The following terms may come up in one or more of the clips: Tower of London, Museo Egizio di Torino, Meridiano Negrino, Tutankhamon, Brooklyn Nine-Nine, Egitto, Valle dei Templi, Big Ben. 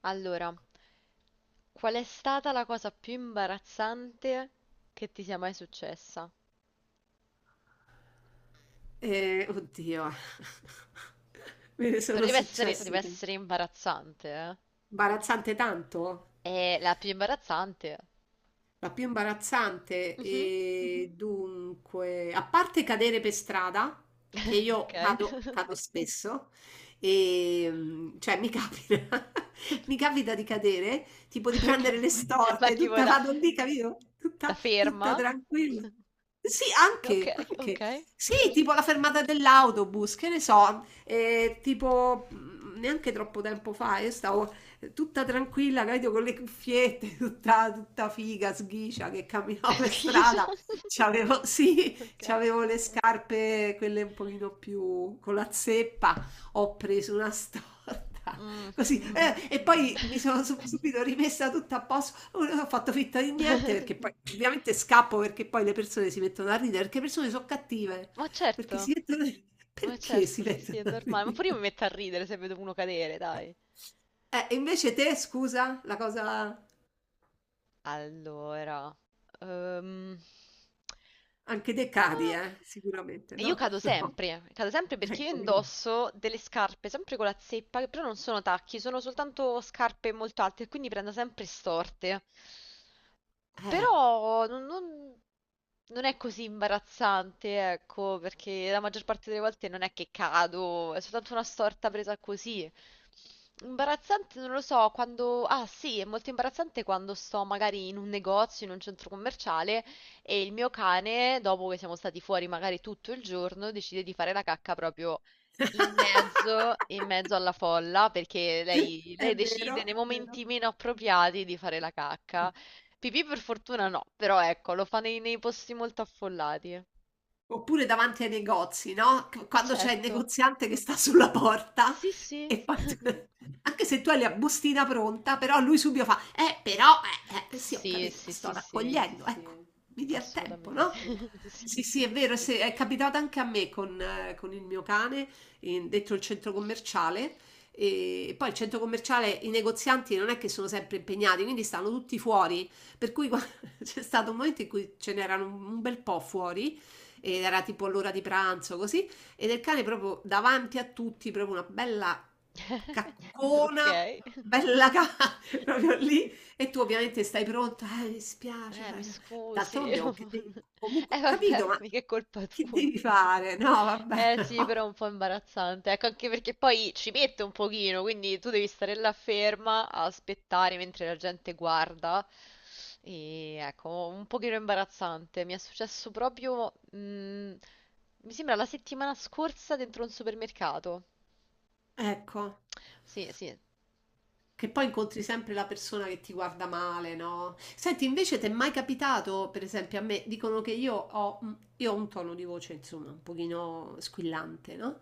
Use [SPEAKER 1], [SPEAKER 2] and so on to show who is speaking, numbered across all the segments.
[SPEAKER 1] Allora, qual è stata la cosa più imbarazzante che ti sia mai successa?
[SPEAKER 2] Oddio, me ne
[SPEAKER 1] Però
[SPEAKER 2] sono
[SPEAKER 1] deve essere, deve
[SPEAKER 2] successe.
[SPEAKER 1] essere imbarazzante,
[SPEAKER 2] Imbarazzante tanto?
[SPEAKER 1] eh? È la più imbarazzante.
[SPEAKER 2] La più imbarazzante,
[SPEAKER 1] Mhm.
[SPEAKER 2] e dunque, a parte cadere per strada, che io
[SPEAKER 1] Ok.
[SPEAKER 2] cado, cado spesso, e, cioè mi capita, mi capita di cadere, tipo di
[SPEAKER 1] Ok.
[SPEAKER 2] prendere le
[SPEAKER 1] Ma
[SPEAKER 2] storte,
[SPEAKER 1] tipo
[SPEAKER 2] tutta
[SPEAKER 1] da,
[SPEAKER 2] vado lì, capito?
[SPEAKER 1] da
[SPEAKER 2] Tutta,
[SPEAKER 1] ferma?
[SPEAKER 2] tutta tranquilla. Sì,
[SPEAKER 1] Ok,
[SPEAKER 2] anche, anche.
[SPEAKER 1] ok.
[SPEAKER 2] Sì, tipo la fermata dell'autobus, che ne so, tipo neanche troppo tempo fa, io stavo tutta tranquilla, capito, con le cuffiette, tutta, tutta figa, sghicia che camminavo per strada.
[SPEAKER 1] Schifo.
[SPEAKER 2] C'avevo, sì,
[SPEAKER 1] Ok.
[SPEAKER 2] c'avevo le scarpe, quelle un pochino più con la zeppa. Ho preso una storta,
[SPEAKER 1] Mm,
[SPEAKER 2] così.
[SPEAKER 1] mhm.
[SPEAKER 2] E poi mi sono subito rimessa tutta a posto. Non ho fatto finta di niente perché poi ovviamente scappo perché poi le persone si mettono a ridere, perché le persone sono cattive.
[SPEAKER 1] Ma
[SPEAKER 2] Perché
[SPEAKER 1] certo,
[SPEAKER 2] si mettono...
[SPEAKER 1] ma
[SPEAKER 2] Perché si
[SPEAKER 1] certo, sì, sì,
[SPEAKER 2] mettono
[SPEAKER 1] è
[SPEAKER 2] a
[SPEAKER 1] normale. Ma
[SPEAKER 2] ridere?
[SPEAKER 1] pure io mi metto a ridere se vedo uno cadere, dai.
[SPEAKER 2] Invece te, scusa, la cosa...
[SPEAKER 1] Allora, ehm,
[SPEAKER 2] Anche dei
[SPEAKER 1] non
[SPEAKER 2] cari,
[SPEAKER 1] lo-
[SPEAKER 2] sicuramente,
[SPEAKER 1] so. Io
[SPEAKER 2] no? No,
[SPEAKER 1] cado sempre perché io
[SPEAKER 2] ecco vedi.
[SPEAKER 1] indosso delle scarpe, sempre con la zeppa, che però non sono tacchi, sono soltanto scarpe molto alte, quindi prendo sempre storte.
[SPEAKER 2] Eh.
[SPEAKER 1] Però non è così imbarazzante, ecco, perché la maggior parte delle volte non è che cado, è soltanto una storta presa così. Imbarazzante, non lo so, quando... Ah sì, è molto imbarazzante quando sto magari in un negozio, in un centro commerciale e il mio cane, dopo che siamo stati fuori magari tutto il giorno, decide di fare la cacca proprio in mezzo, in mezzo alla folla, perché lei,
[SPEAKER 2] È
[SPEAKER 1] lei decide
[SPEAKER 2] vero,
[SPEAKER 1] nei
[SPEAKER 2] è vero.
[SPEAKER 1] momenti meno appropriati di fare la cacca. Pipì per fortuna no, però ecco, lo fa nei posti molto affollati.
[SPEAKER 2] Oppure davanti ai negozi, no, c
[SPEAKER 1] Ma
[SPEAKER 2] quando c'è il
[SPEAKER 1] certo,
[SPEAKER 2] negoziante che sta sulla porta
[SPEAKER 1] sì sì.
[SPEAKER 2] e poi tu anche se tu hai la bustina pronta, però lui subito fa: però, eh". Sì, ho
[SPEAKER 1] Sì,
[SPEAKER 2] capito, la
[SPEAKER 1] sì,
[SPEAKER 2] sto
[SPEAKER 1] sì, sì.
[SPEAKER 2] raccogliendo, ecco, Sì. Mi dia il tempo, no?
[SPEAKER 1] Assolutamente,
[SPEAKER 2] Assolutamente.
[SPEAKER 1] sì.
[SPEAKER 2] Sì, sì, è vero, se è capitato anche a me con il mio cane, in dentro il centro commerciale, e poi il centro commerciale i negozianti non è che sono sempre impegnati, quindi stanno tutti fuori, per cui qua c'è stato un momento in cui ce n'erano un bel po' fuori ed era tipo l'ora di pranzo così ed il cane proprio davanti a tutti proprio una bella caccona
[SPEAKER 1] Okay.
[SPEAKER 2] bella proprio lì e tu ovviamente stai pronta mi spiace
[SPEAKER 1] Mi scusi.
[SPEAKER 2] d'altronde oh, che devi
[SPEAKER 1] non-
[SPEAKER 2] comunque ho
[SPEAKER 1] Vabbè,
[SPEAKER 2] capito ma
[SPEAKER 1] mica è colpa
[SPEAKER 2] che
[SPEAKER 1] tua.
[SPEAKER 2] devi fare no vabbè
[SPEAKER 1] Sì, però
[SPEAKER 2] no.
[SPEAKER 1] è un po' imbarazzante. Ecco, anche perché poi ci mette un pochino, quindi tu devi stare là ferma a aspettare mentre la gente guarda. E ecco, un pochino imbarazzante. Mi è successo proprio, mi sembra la settimana scorsa dentro un supermercato.
[SPEAKER 2] ecco
[SPEAKER 1] Sì, sì.
[SPEAKER 2] Che poi incontri sempre la persona che ti guarda male, no? Senti, invece ti è mai capitato, per esempio, a me dicono che io ho, un tono di voce, insomma, un pochino squillante, no?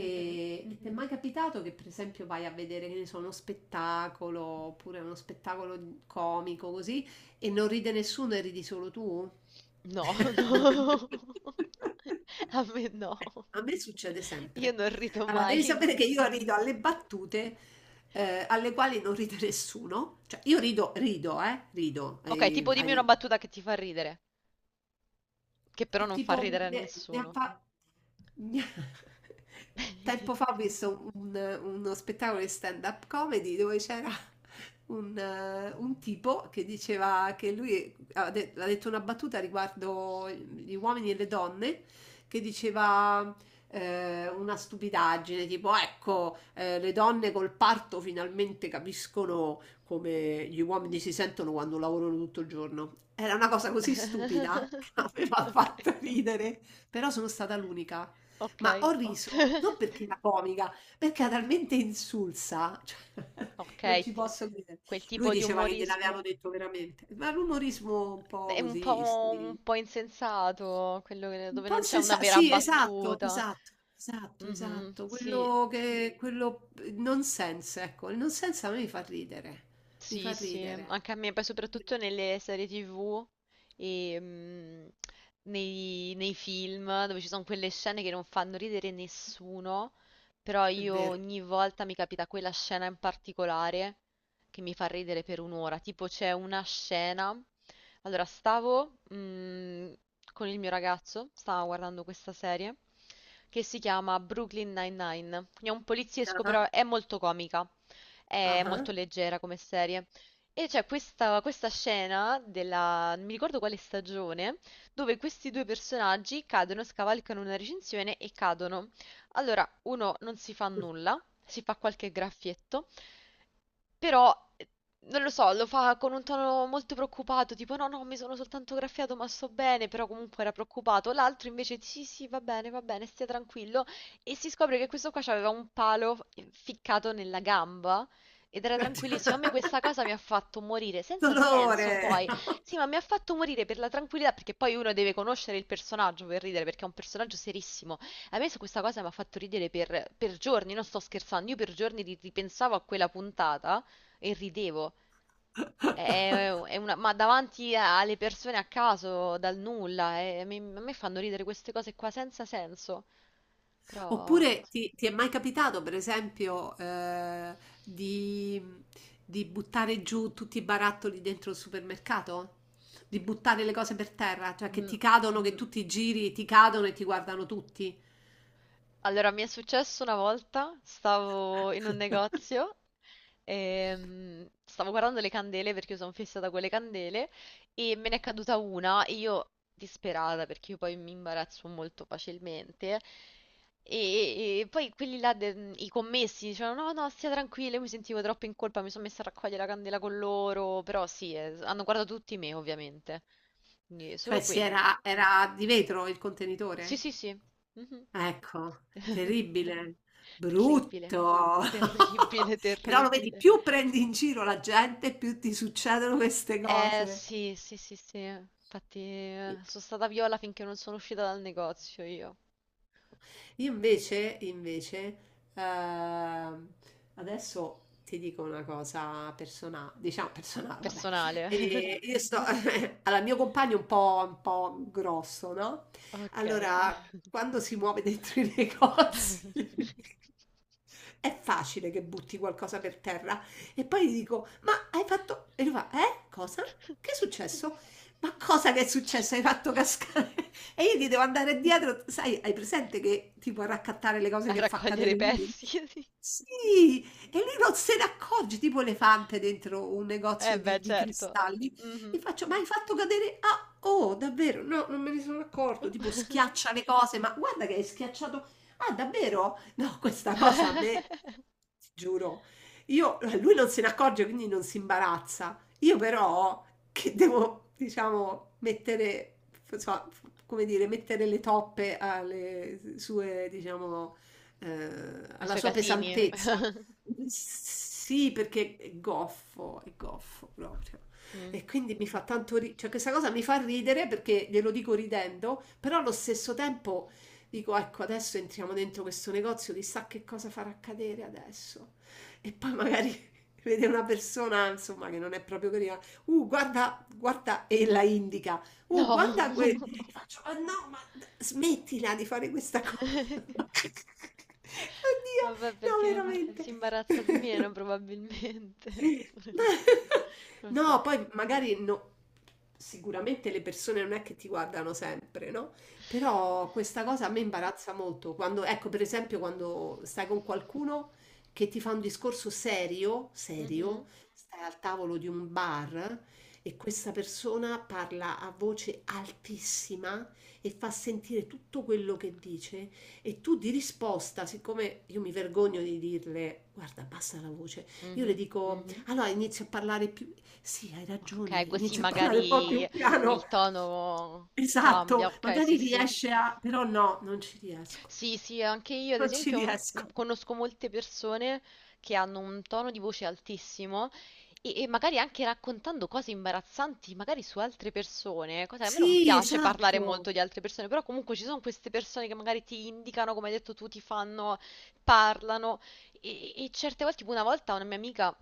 [SPEAKER 1] Mhm.
[SPEAKER 2] e ti è mai capitato che, per esempio, vai a vedere, che ne so, uno spettacolo, oppure uno spettacolo comico, così, e non ride nessuno e ridi solo tu?
[SPEAKER 1] No,
[SPEAKER 2] No.
[SPEAKER 1] no. A me no.
[SPEAKER 2] A me succede
[SPEAKER 1] Io
[SPEAKER 2] sempre.
[SPEAKER 1] non rido
[SPEAKER 2] Allora, devi
[SPEAKER 1] mai.
[SPEAKER 2] sapere che io rido alle battute alle quali non ride nessuno. Cioè, io rido, rido, rido.
[SPEAKER 1] Ok, tipo dimmi una battuta che ti fa ridere, che però
[SPEAKER 2] È
[SPEAKER 1] non fa
[SPEAKER 2] tipo,
[SPEAKER 1] ridere a
[SPEAKER 2] ne, ne ha
[SPEAKER 1] nessuno.
[SPEAKER 2] fa- ne- tempo fa ho visto uno spettacolo di stand-up comedy dove c'era un tipo che diceva che lui ha detto una battuta riguardo gli uomini e le donne, che diceva una stupidaggine, tipo ecco, le donne col parto finalmente capiscono come gli uomini si sentono quando lavorano tutto il giorno. Era una cosa così stupida che aveva
[SPEAKER 1] Ok,
[SPEAKER 2] fatto ridere, però sono stata l'unica. Ma ho
[SPEAKER 1] ok.
[SPEAKER 2] riso non perché era comica, perché era talmente insulsa, cioè,
[SPEAKER 1] Ok,
[SPEAKER 2] non ci
[SPEAKER 1] ti-
[SPEAKER 2] posso credere.
[SPEAKER 1] quel
[SPEAKER 2] Lui
[SPEAKER 1] tipo di
[SPEAKER 2] diceva che gliel'avevano
[SPEAKER 1] umorismo
[SPEAKER 2] detto veramente, ma l'umorismo un po'
[SPEAKER 1] è
[SPEAKER 2] così, sì.
[SPEAKER 1] un po' insensato, quello che- dove non c'è una vera
[SPEAKER 2] Sì, esatto,
[SPEAKER 1] battuta.
[SPEAKER 2] esatto, esatto,
[SPEAKER 1] Mhm,
[SPEAKER 2] esatto.
[SPEAKER 1] sì.
[SPEAKER 2] Quello che, quello il nonsense, ecco, il nonsense a me mi fa ridere, mi
[SPEAKER 1] Sì,
[SPEAKER 2] fa
[SPEAKER 1] sì,
[SPEAKER 2] ridere.
[SPEAKER 1] anche a me, poi
[SPEAKER 2] È
[SPEAKER 1] soprattutto
[SPEAKER 2] vero.
[SPEAKER 1] nelle serie TV e nei film dove ci sono quelle scene che non fanno ridere nessuno, però
[SPEAKER 2] È
[SPEAKER 1] io
[SPEAKER 2] vero.
[SPEAKER 1] ogni volta mi capita quella scena in particolare che mi fa ridere per un'ora, tipo c'è una scena, allora stavo con il mio ragazzo, stavo guardando questa serie che si chiama Brooklyn Nine-Nine, quindi è un poliziesco però è molto comica.
[SPEAKER 2] Ah,
[SPEAKER 1] È
[SPEAKER 2] ah.
[SPEAKER 1] molto leggera come serie. E c'è questa scena della, non mi ricordo quale stagione, dove questi due personaggi cadono, scavalcano una recinzione e cadono. Allora, uno non si fa nulla, si fa qualche graffietto, però, non lo so, lo fa con un tono molto preoccupato, tipo no, no, mi sono soltanto graffiato, ma sto bene, però comunque era preoccupato. L'altro invece, sì, sì, va bene, stia tranquillo. E si scopre che questo qua aveva un palo ficcato nella gamba ed era tranquillissimo. A me questa cosa mi ha fatto morire, senza senso
[SPEAKER 2] Dolore.
[SPEAKER 1] poi. Sì, ma mi ha fatto morire per la tranquillità, perché poi uno deve conoscere il personaggio per ridere, perché è un personaggio serissimo. A me su questa cosa mi ha fatto ridere per giorni, non sto scherzando, io per giorni ripensavo a quella puntata. E ridevo. Ma davanti a- alle persone a caso, dal nulla. E a me fanno ridere queste cose qua senza senso. Però...
[SPEAKER 2] Oppure ti, ti è mai capitato, per esempio, di, di buttare giù tutti i barattoli dentro il supermercato? Di buttare le cose per terra, cioè che
[SPEAKER 1] mm,
[SPEAKER 2] ti cadono, che tutti i giri ti cadono e ti guardano tutti.
[SPEAKER 1] allora, mi è successo una volta, stavo in un negozio e stavo guardando le candele perché io sono fissata con le candele e me ne è caduta una e io disperata perché io poi mi imbarazzo molto facilmente e poi quelli là, i commessi dicevano no no stia tranquilla, io mi sentivo troppo in colpa, mi sono messa a raccogliere la candela con loro, però sì, hanno guardato tutti me ovviamente, quindi
[SPEAKER 2] Cioè,
[SPEAKER 1] solo
[SPEAKER 2] si
[SPEAKER 1] quella.
[SPEAKER 2] era, era di vetro il
[SPEAKER 1] Sì,
[SPEAKER 2] contenitore.
[SPEAKER 1] sì, sì. Mh-mh.
[SPEAKER 2] Ecco, terribile, brutto.
[SPEAKER 1] Terribile, terribile,
[SPEAKER 2] Però lo vedi,
[SPEAKER 1] terribile.
[SPEAKER 2] più prendi in giro la gente, più ti succedono queste
[SPEAKER 1] Eh
[SPEAKER 2] cose.
[SPEAKER 1] sì, sì, sì, sì. Infatti, sono stata viola finché non sono uscita dal negozio io,
[SPEAKER 2] Io invece, ehm, adesso ti dico una cosa personale, diciamo personale, vabbè.
[SPEAKER 1] personale.
[SPEAKER 2] E io sto, allora, il mio compagno è un po' grosso, no?
[SPEAKER 1] Ok.
[SPEAKER 2] Allora, quando si muove dentro i negozi, è facile che butti qualcosa per terra. E poi gli dico, ma hai fatto... E lui fa, eh? Cosa? Che è successo? Ma cosa che è successo? Hai fatto cascare? E io gli devo andare dietro, sai, hai presente che tipo a raccattare le cose
[SPEAKER 1] A
[SPEAKER 2] che fa
[SPEAKER 1] raccogliere i
[SPEAKER 2] cadere lui?
[SPEAKER 1] pezzi, sì.
[SPEAKER 2] Sì, e lui non se ne accorge, tipo elefante dentro un
[SPEAKER 1] Eh
[SPEAKER 2] negozio
[SPEAKER 1] beh,
[SPEAKER 2] di
[SPEAKER 1] certo.
[SPEAKER 2] cristalli. Gli
[SPEAKER 1] Mhm.
[SPEAKER 2] faccio, ma hai fatto cadere? Ah, oh, davvero? No, non me ne sono
[SPEAKER 1] Uh.
[SPEAKER 2] accorto. Tipo schiaccia le cose, ma guarda che hai schiacciato. Ah, davvero? No, questa cosa a me, ti giuro, io, lui non se ne accorge, quindi non si imbarazza. Io però, che devo, diciamo, mettere, so, come dire, mettere le toppe alle sue, diciamo,
[SPEAKER 1] Ai
[SPEAKER 2] alla
[SPEAKER 1] suoi
[SPEAKER 2] sua
[SPEAKER 1] casini.
[SPEAKER 2] pesantezza. Sì, perché è goffo proprio.
[SPEAKER 1] Mm.
[SPEAKER 2] E quindi mi fa
[SPEAKER 1] Mm.
[SPEAKER 2] tanto ridere, cioè questa cosa mi fa ridere perché glielo dico ridendo, però allo stesso tempo dico, ecco, adesso entriamo dentro questo negozio, chissà che cosa farà accadere adesso. E poi magari vede una persona, insomma, che non è proprio carina. Guarda, guarda, e la indica. Guarda
[SPEAKER 1] No.
[SPEAKER 2] e faccio, "Ah, no, ma smettila di fare questa cosa. Oddio,
[SPEAKER 1] Vabbè,
[SPEAKER 2] no,
[SPEAKER 1] perché
[SPEAKER 2] veramente.
[SPEAKER 1] si imbarazza di meno probabilmente.
[SPEAKER 2] Ma-
[SPEAKER 1] Non lo so.
[SPEAKER 2] No, poi magari no, sicuramente le persone non è che ti guardano sempre, no? Però questa cosa a me imbarazza molto. Quando, ecco, per esempio, quando stai con qualcuno che ti fa un discorso serio, serio,
[SPEAKER 1] Mhm.
[SPEAKER 2] stai al tavolo di un bar e questa persona parla a voce altissima e fa sentire tutto quello che dice e tu di risposta, siccome io mi vergogno di dirle, guarda, basta la voce, io le
[SPEAKER 1] Mhm.
[SPEAKER 2] dico, allora inizio a parlare più... Sì, hai ragione,
[SPEAKER 1] Ok, così
[SPEAKER 2] inizio a parlare un po'
[SPEAKER 1] magari
[SPEAKER 2] più piano.
[SPEAKER 1] il tono cambia.
[SPEAKER 2] Esatto,
[SPEAKER 1] Ok,
[SPEAKER 2] magari
[SPEAKER 1] sì, sì.
[SPEAKER 2] riesce a... però no, non ci riesco.
[SPEAKER 1] Sì, sì, anche io ad
[SPEAKER 2] Non ci
[SPEAKER 1] esempio
[SPEAKER 2] riesco.
[SPEAKER 1] conosco molte persone che hanno un tono di voce altissimo e magari anche raccontando cose imbarazzanti, magari su altre persone, cosa che a me non
[SPEAKER 2] Sì,
[SPEAKER 1] piace parlare
[SPEAKER 2] esatto.
[SPEAKER 1] molto di altre persone, però comunque ci sono queste persone che magari ti indicano, come hai detto tu, ti fanno, parlano e certe volte, tipo una volta una mia amica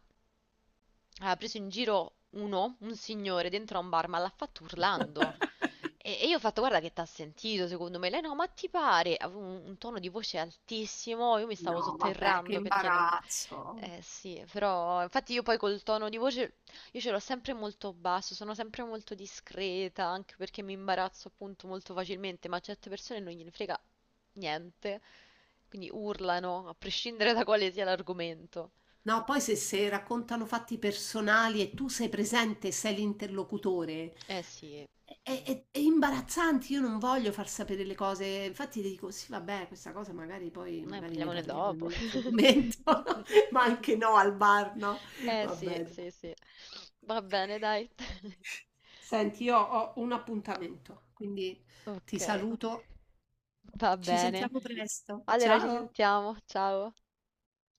[SPEAKER 1] ha preso in giro uno, un signore, dentro a un bar, ma l'ha fatto urlando. E io ho fatto, guarda che t'ha sentito, secondo me. Lei no, ma ti pare? Avevo un tono di voce altissimo, io mi stavo
[SPEAKER 2] No, vabbè, che
[SPEAKER 1] sotterrando perché non...
[SPEAKER 2] imbarazzo.
[SPEAKER 1] Eh sì, però infatti io poi col tono di voce, io ce l'ho sempre molto basso, sono sempre molto discreta, anche perché mi imbarazzo appunto molto facilmente, ma a certe persone non gliene frega niente, quindi urlano, a prescindere da quale sia l'argomento.
[SPEAKER 2] No, poi se, se raccontano fatti personali e tu sei presente, e sei l'interlocutore,
[SPEAKER 1] Eh sì,
[SPEAKER 2] è, è imbarazzante, io non voglio far sapere le cose, infatti ti dico sì, vabbè, questa cosa magari poi
[SPEAKER 1] noi
[SPEAKER 2] magari ne
[SPEAKER 1] parliamone
[SPEAKER 2] parliamo in
[SPEAKER 1] dopo.
[SPEAKER 2] un altro momento, ma anche no al bar, no?
[SPEAKER 1] Eh
[SPEAKER 2] Vabbè.
[SPEAKER 1] sì,
[SPEAKER 2] Dai.
[SPEAKER 1] sì, sì. Va bene, dai.
[SPEAKER 2] Senti, io ho un appuntamento, quindi
[SPEAKER 1] Ok,
[SPEAKER 2] ti saluto,
[SPEAKER 1] va
[SPEAKER 2] ci
[SPEAKER 1] bene.
[SPEAKER 2] sentiamo presto.
[SPEAKER 1] Allora ci
[SPEAKER 2] Ciao!
[SPEAKER 1] sentiamo, ciao.